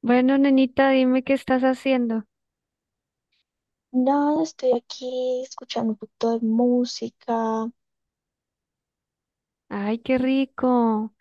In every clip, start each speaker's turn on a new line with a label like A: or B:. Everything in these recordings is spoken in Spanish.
A: Bueno, nenita, dime qué estás haciendo.
B: Nada, estoy aquí escuchando un poquito de música.
A: Ay, qué rico.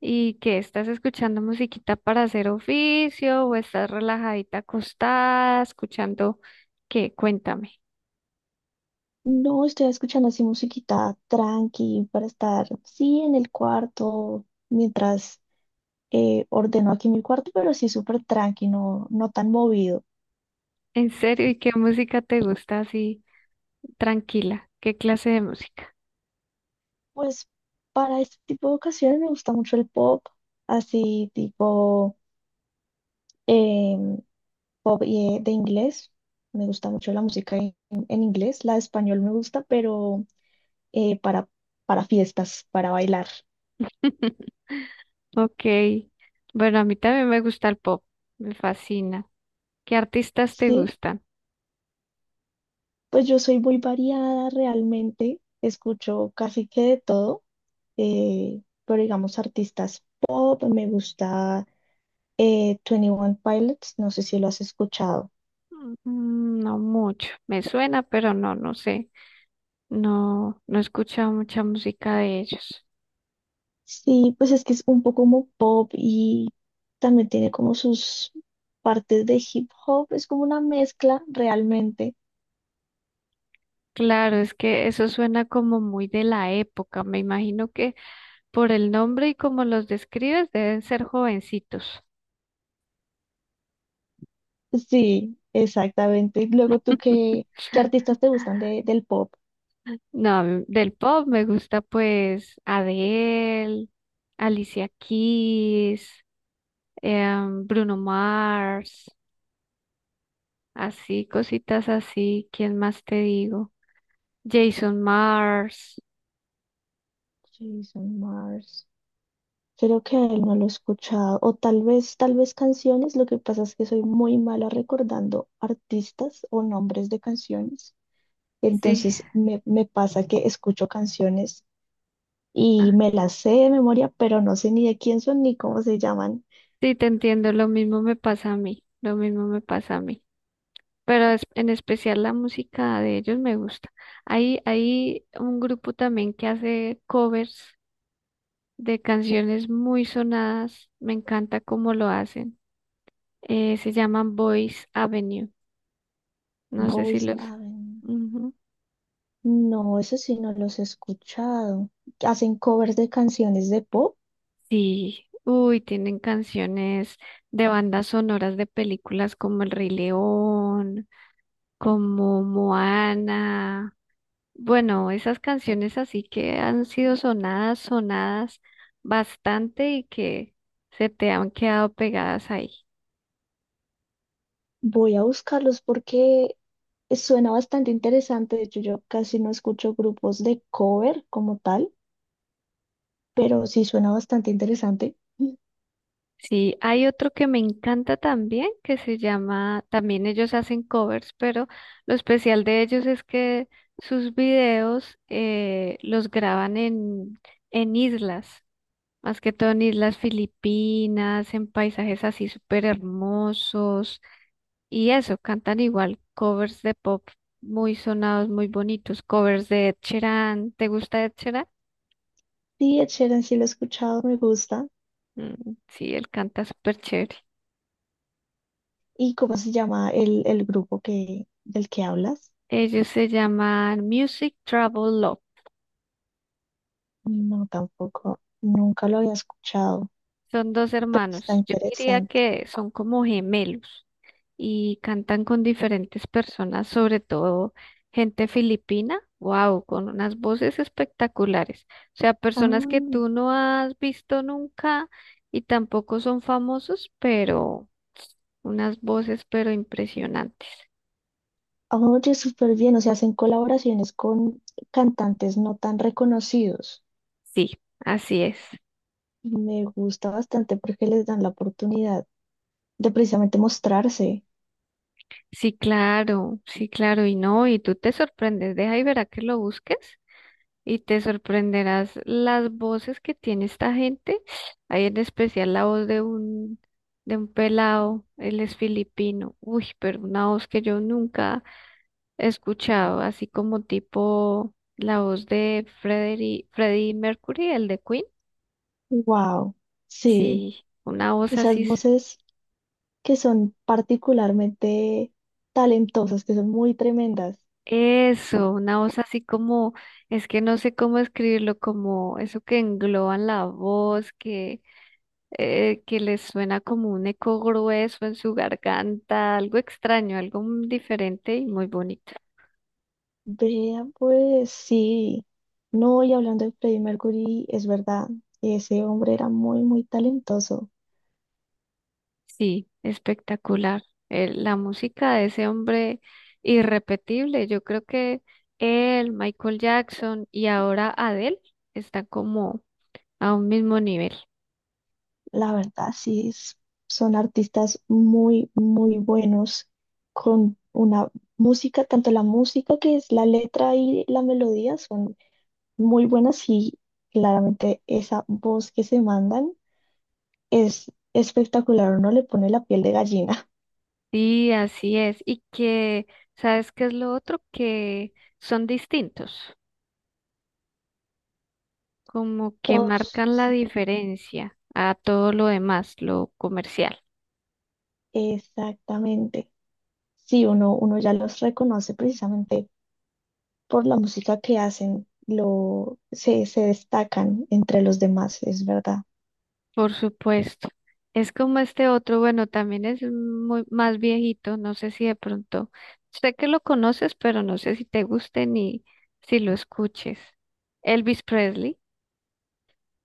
A: ¿Y qué? ¿Estás escuchando musiquita para hacer oficio o estás relajadita acostada, escuchando qué? Cuéntame.
B: No, estoy escuchando así musiquita tranqui para estar, sí, en el cuarto, mientras ordeno aquí mi cuarto, pero sí súper tranqui, no, no tan movido.
A: ¿En serio? ¿Y qué música te gusta así tranquila? ¿Qué clase de música?
B: Pues para este tipo de ocasiones me gusta mucho el pop, así tipo em, pop y, de inglés. Me gusta mucho la música en inglés, la de español me gusta, pero eh, para, para fiestas, para bailar.
A: Ok. Bueno, a mí también me gusta el pop. Me fascina. ¿Qué artistas te
B: Sí,
A: gustan?
B: pues yo soy muy variada realmente, escucho casi que de todo, pero digamos artistas pop, me gusta twenty One Pilots, no sé si lo has escuchado.
A: Mm, no mucho. Me suena, pero no, no sé. No, no he escuchado mucha música de ellos.
B: Sí, pues es que es un poco como pop y también tiene como sus partes de hip hop, es como una mezcla realmente.
A: Claro, es que eso suena como muy de la época. Me imagino que por el nombre y como los describes, deben ser jovencitos.
B: Sí, exactamente. Luego tú, ¿qué, qué artistas te gustan del pop?
A: No, a mí del pop me gusta pues Adele, Alicia Keys, Bruno Mars, así, cositas así. ¿Quién más te digo? Jason Mars.
B: Jason Mars. Creo que a él no lo he escuchado. O tal vez canciones. Lo que pasa es que soy muy mala recordando artistas o nombres de canciones.
A: Sí,
B: Entonces me pasa que escucho canciones
A: ah,
B: y me las sé de memoria, pero no sé ni de quién son ni cómo se llaman.
A: sí, te entiendo. Lo mismo me pasa a mí. Lo mismo me pasa a mí. Pero en especial la música de ellos me gusta. Hay un grupo también que hace covers de canciones muy sonadas. Me encanta cómo lo hacen. Se llaman Boys Avenue. No sé si
B: Boys
A: los...
B: Avenue.
A: Ujú.
B: No, eso sí no los he escuchado. Hacen covers de canciones de pop.
A: Sí, uy, tienen canciones de bandas sonoras de películas como El Rey León, como Moana. Bueno, esas canciones así que han sido sonadas, sonadas bastante y que se te han quedado pegadas ahí.
B: Voy a buscarlos porque suena bastante interesante. De hecho, yo casi no escucho grupos de cover como tal, pero sí suena bastante interesante.
A: Sí, hay otro que me encanta también, que se llama, también ellos hacen covers, pero lo especial de ellos es que sus videos los graban en islas, más que todo en islas filipinas, en paisajes así súper hermosos, y eso, cantan igual covers de pop muy sonados, muy bonitos, covers de Ed Sheeran. ¿Te gusta Ed Sheeran?
B: Sí, Ed Sheeran sí lo he escuchado, me gusta.
A: Mm, sí, él canta súper chévere.
B: ¿Y cómo se llama el grupo del que hablas?
A: Ellos se llaman Music Travel Love.
B: No, tampoco, nunca lo había escuchado,
A: Son dos
B: pero está
A: hermanos. Yo diría
B: interesante.
A: que son como gemelos y cantan con diferentes personas, sobre todo gente filipina. Wow, con unas voces espectaculares. O sea, personas que
B: Ah,
A: tú no has visto nunca y tampoco son famosos, pero unas voces pero impresionantes.
B: oye, súper bien, o sea, hacen colaboraciones con cantantes no tan reconocidos.
A: Sí, así es.
B: Me gusta bastante porque les dan la oportunidad de precisamente mostrarse.
A: Sí, claro, sí, claro, y no, y tú te sorprendes, deja y verá que lo busques. Y te sorprenderás las voces que tiene esta gente. Hay en especial la voz de de un pelado, él es filipino. Uy, pero una voz que yo nunca he escuchado, así como tipo la voz de Freddie Mercury, el de Queen.
B: Wow, sí,
A: Sí, una voz
B: esas
A: así,
B: voces que son particularmente talentosas, que son muy tremendas.
A: eso, una voz así como, es que no sé cómo escribirlo, como eso que engloban la voz, que les suena como un eco grueso en su garganta, algo extraño, algo diferente y muy bonito.
B: Vea, pues sí, no, y hablando de Freddie Mercury, es verdad, ese hombre era muy, muy talentoso.
A: Sí, espectacular. La música de ese hombre irrepetible. Yo creo que él, Michael Jackson y ahora Adele están como a un mismo nivel.
B: La verdad, sí, son artistas muy, muy buenos con una música, tanto la música que es la letra y la melodía son muy buenas, y claramente esa voz que se mandan es espectacular, uno le pone la piel de gallina.
A: Sí, así es. Y que, ¿sabes qué es lo otro? Que son distintos, como que
B: Todos,
A: marcan la
B: sí,
A: diferencia a todo lo demás, lo comercial.
B: exactamente. Sí, uno ya los reconoce precisamente por la música que hacen, se destacan entre los demás, es verdad.
A: Por supuesto. Es como este otro, bueno, también es muy más viejito, no sé si de pronto, sé que lo conoces, pero no sé si te guste ni si lo escuches. Elvis Presley,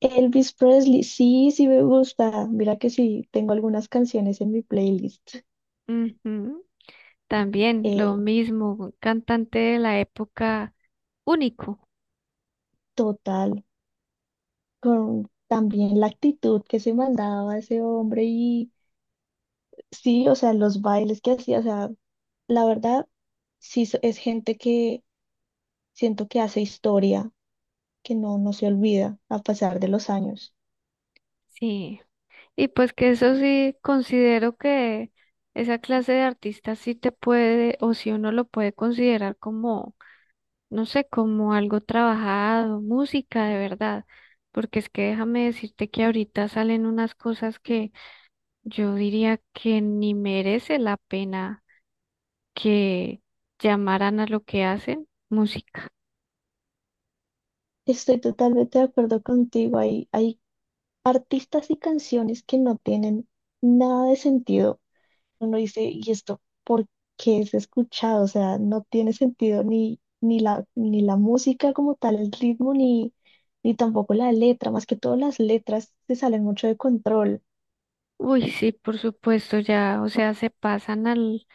B: Elvis Presley, sí, sí me gusta. Mira que sí, tengo algunas canciones en mi playlist.
A: ujú, también lo
B: El
A: mismo, un cantante de la época único,
B: total, con también la actitud que se mandaba ese hombre y sí, o sea, los bailes que hacía, o sea, la verdad, sí es gente que siento que hace historia, que no, no se olvida a pasar de los años.
A: sí. Y pues que eso sí, considero que esa clase de artista sí te puede, o si uno lo puede considerar como no sé, como algo trabajado, música de verdad, porque es que déjame decirte que ahorita salen unas cosas que yo diría que ni merece la pena que llamaran a lo que hacen música.
B: Estoy totalmente de acuerdo contigo. Hay artistas y canciones que no tienen nada de sentido. Uno dice, ¿y esto por qué es escuchado? O sea, no tiene sentido ni la música como tal, el ritmo, ni tampoco la letra. Más que todo las letras se salen mucho de control.
A: Uy, sí, por supuesto, ya, o sea, se pasan al,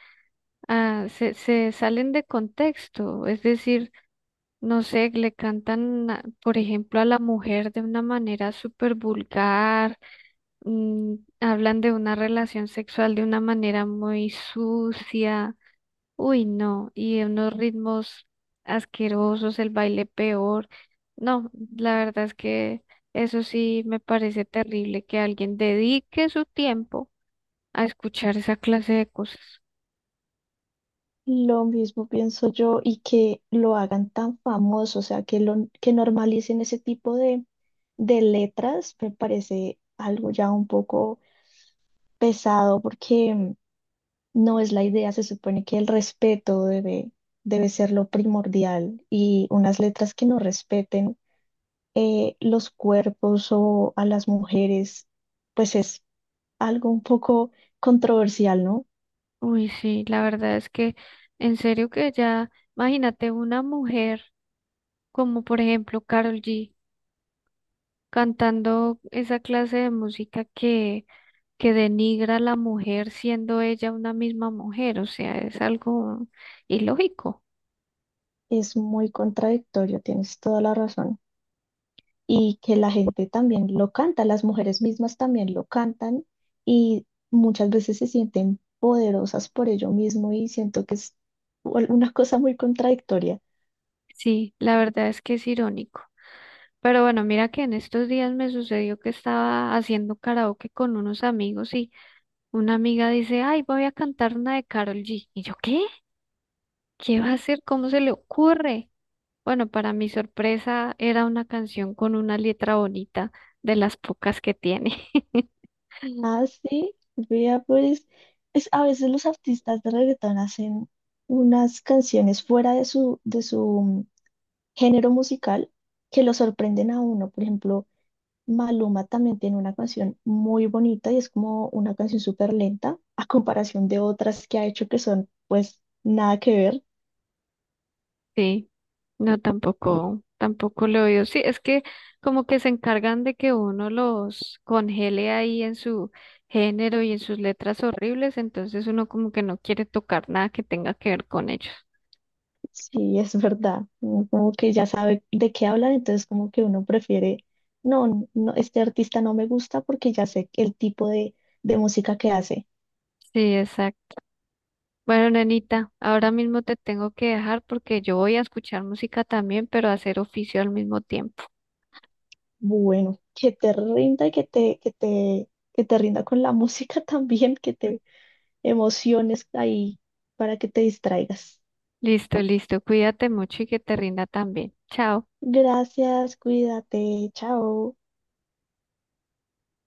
A: se salen de contexto, es decir, no sé, le cantan, por ejemplo, a la mujer de una manera súper vulgar, mm, hablan de una relación sexual de una manera muy sucia, uy, no, y de unos ritmos asquerosos, el baile peor. No, la verdad es que eso sí me parece terrible que alguien dedique su tiempo a escuchar esa clase de cosas.
B: Lo mismo pienso yo, y que lo hagan tan famoso, o sea, que lo que normalicen ese tipo de letras, me parece algo ya un poco pesado, porque no es la idea, se supone que el respeto debe ser lo primordial, y unas letras que no respeten los cuerpos o a las mujeres, pues es algo un poco controversial, ¿no?
A: Uy, sí, la verdad es que en serio que ya, imagínate una mujer como por ejemplo Carol G cantando esa clase de música que denigra a la mujer siendo ella una misma mujer, o sea, es algo ilógico.
B: Es muy contradictorio, tienes toda la razón. Y que la gente también lo canta, las mujeres mismas también lo cantan, y muchas veces se sienten poderosas por ello mismo, y siento que es una cosa muy contradictoria.
A: Sí, la verdad es que es irónico. Pero bueno, mira que en estos días me sucedió que estaba haciendo karaoke con unos amigos y una amiga dice, ay, voy a cantar una de Karol G. Y yo, ¿qué? ¿Qué va a hacer? ¿Cómo se le ocurre? Bueno, para mi sorpresa era una canción con una letra bonita, de las pocas que tiene.
B: Ah, sí, vea, pues es, a veces los artistas de reggaetón hacen unas canciones fuera de su, de su género musical, que lo sorprenden a uno. Por ejemplo, Maluma también tiene una canción muy bonita y es como una canción súper lenta a comparación de otras que ha hecho que son pues nada que ver.
A: Sí, no, tampoco, tampoco lo veo. Sí, es que como que se encargan de que uno los congele ahí en su género y en sus letras horribles, entonces uno como que no quiere tocar nada que tenga que ver con ellos.
B: Sí, es verdad. Uno como que ya sabe de qué hablan, entonces como que uno prefiere, no, no, este artista no me gusta porque ya sé el tipo de música que hace.
A: Sí, exacto. Bueno, nenita, ahora mismo te tengo que dejar porque yo voy a escuchar música también, pero a hacer oficio al mismo tiempo.
B: Bueno, que te rinda, y que te rinda con la música también, que te emociones ahí para que te distraigas.
A: Listo, listo, cuídate mucho y que te rinda también. Chao.
B: Gracias, cuídate, chao.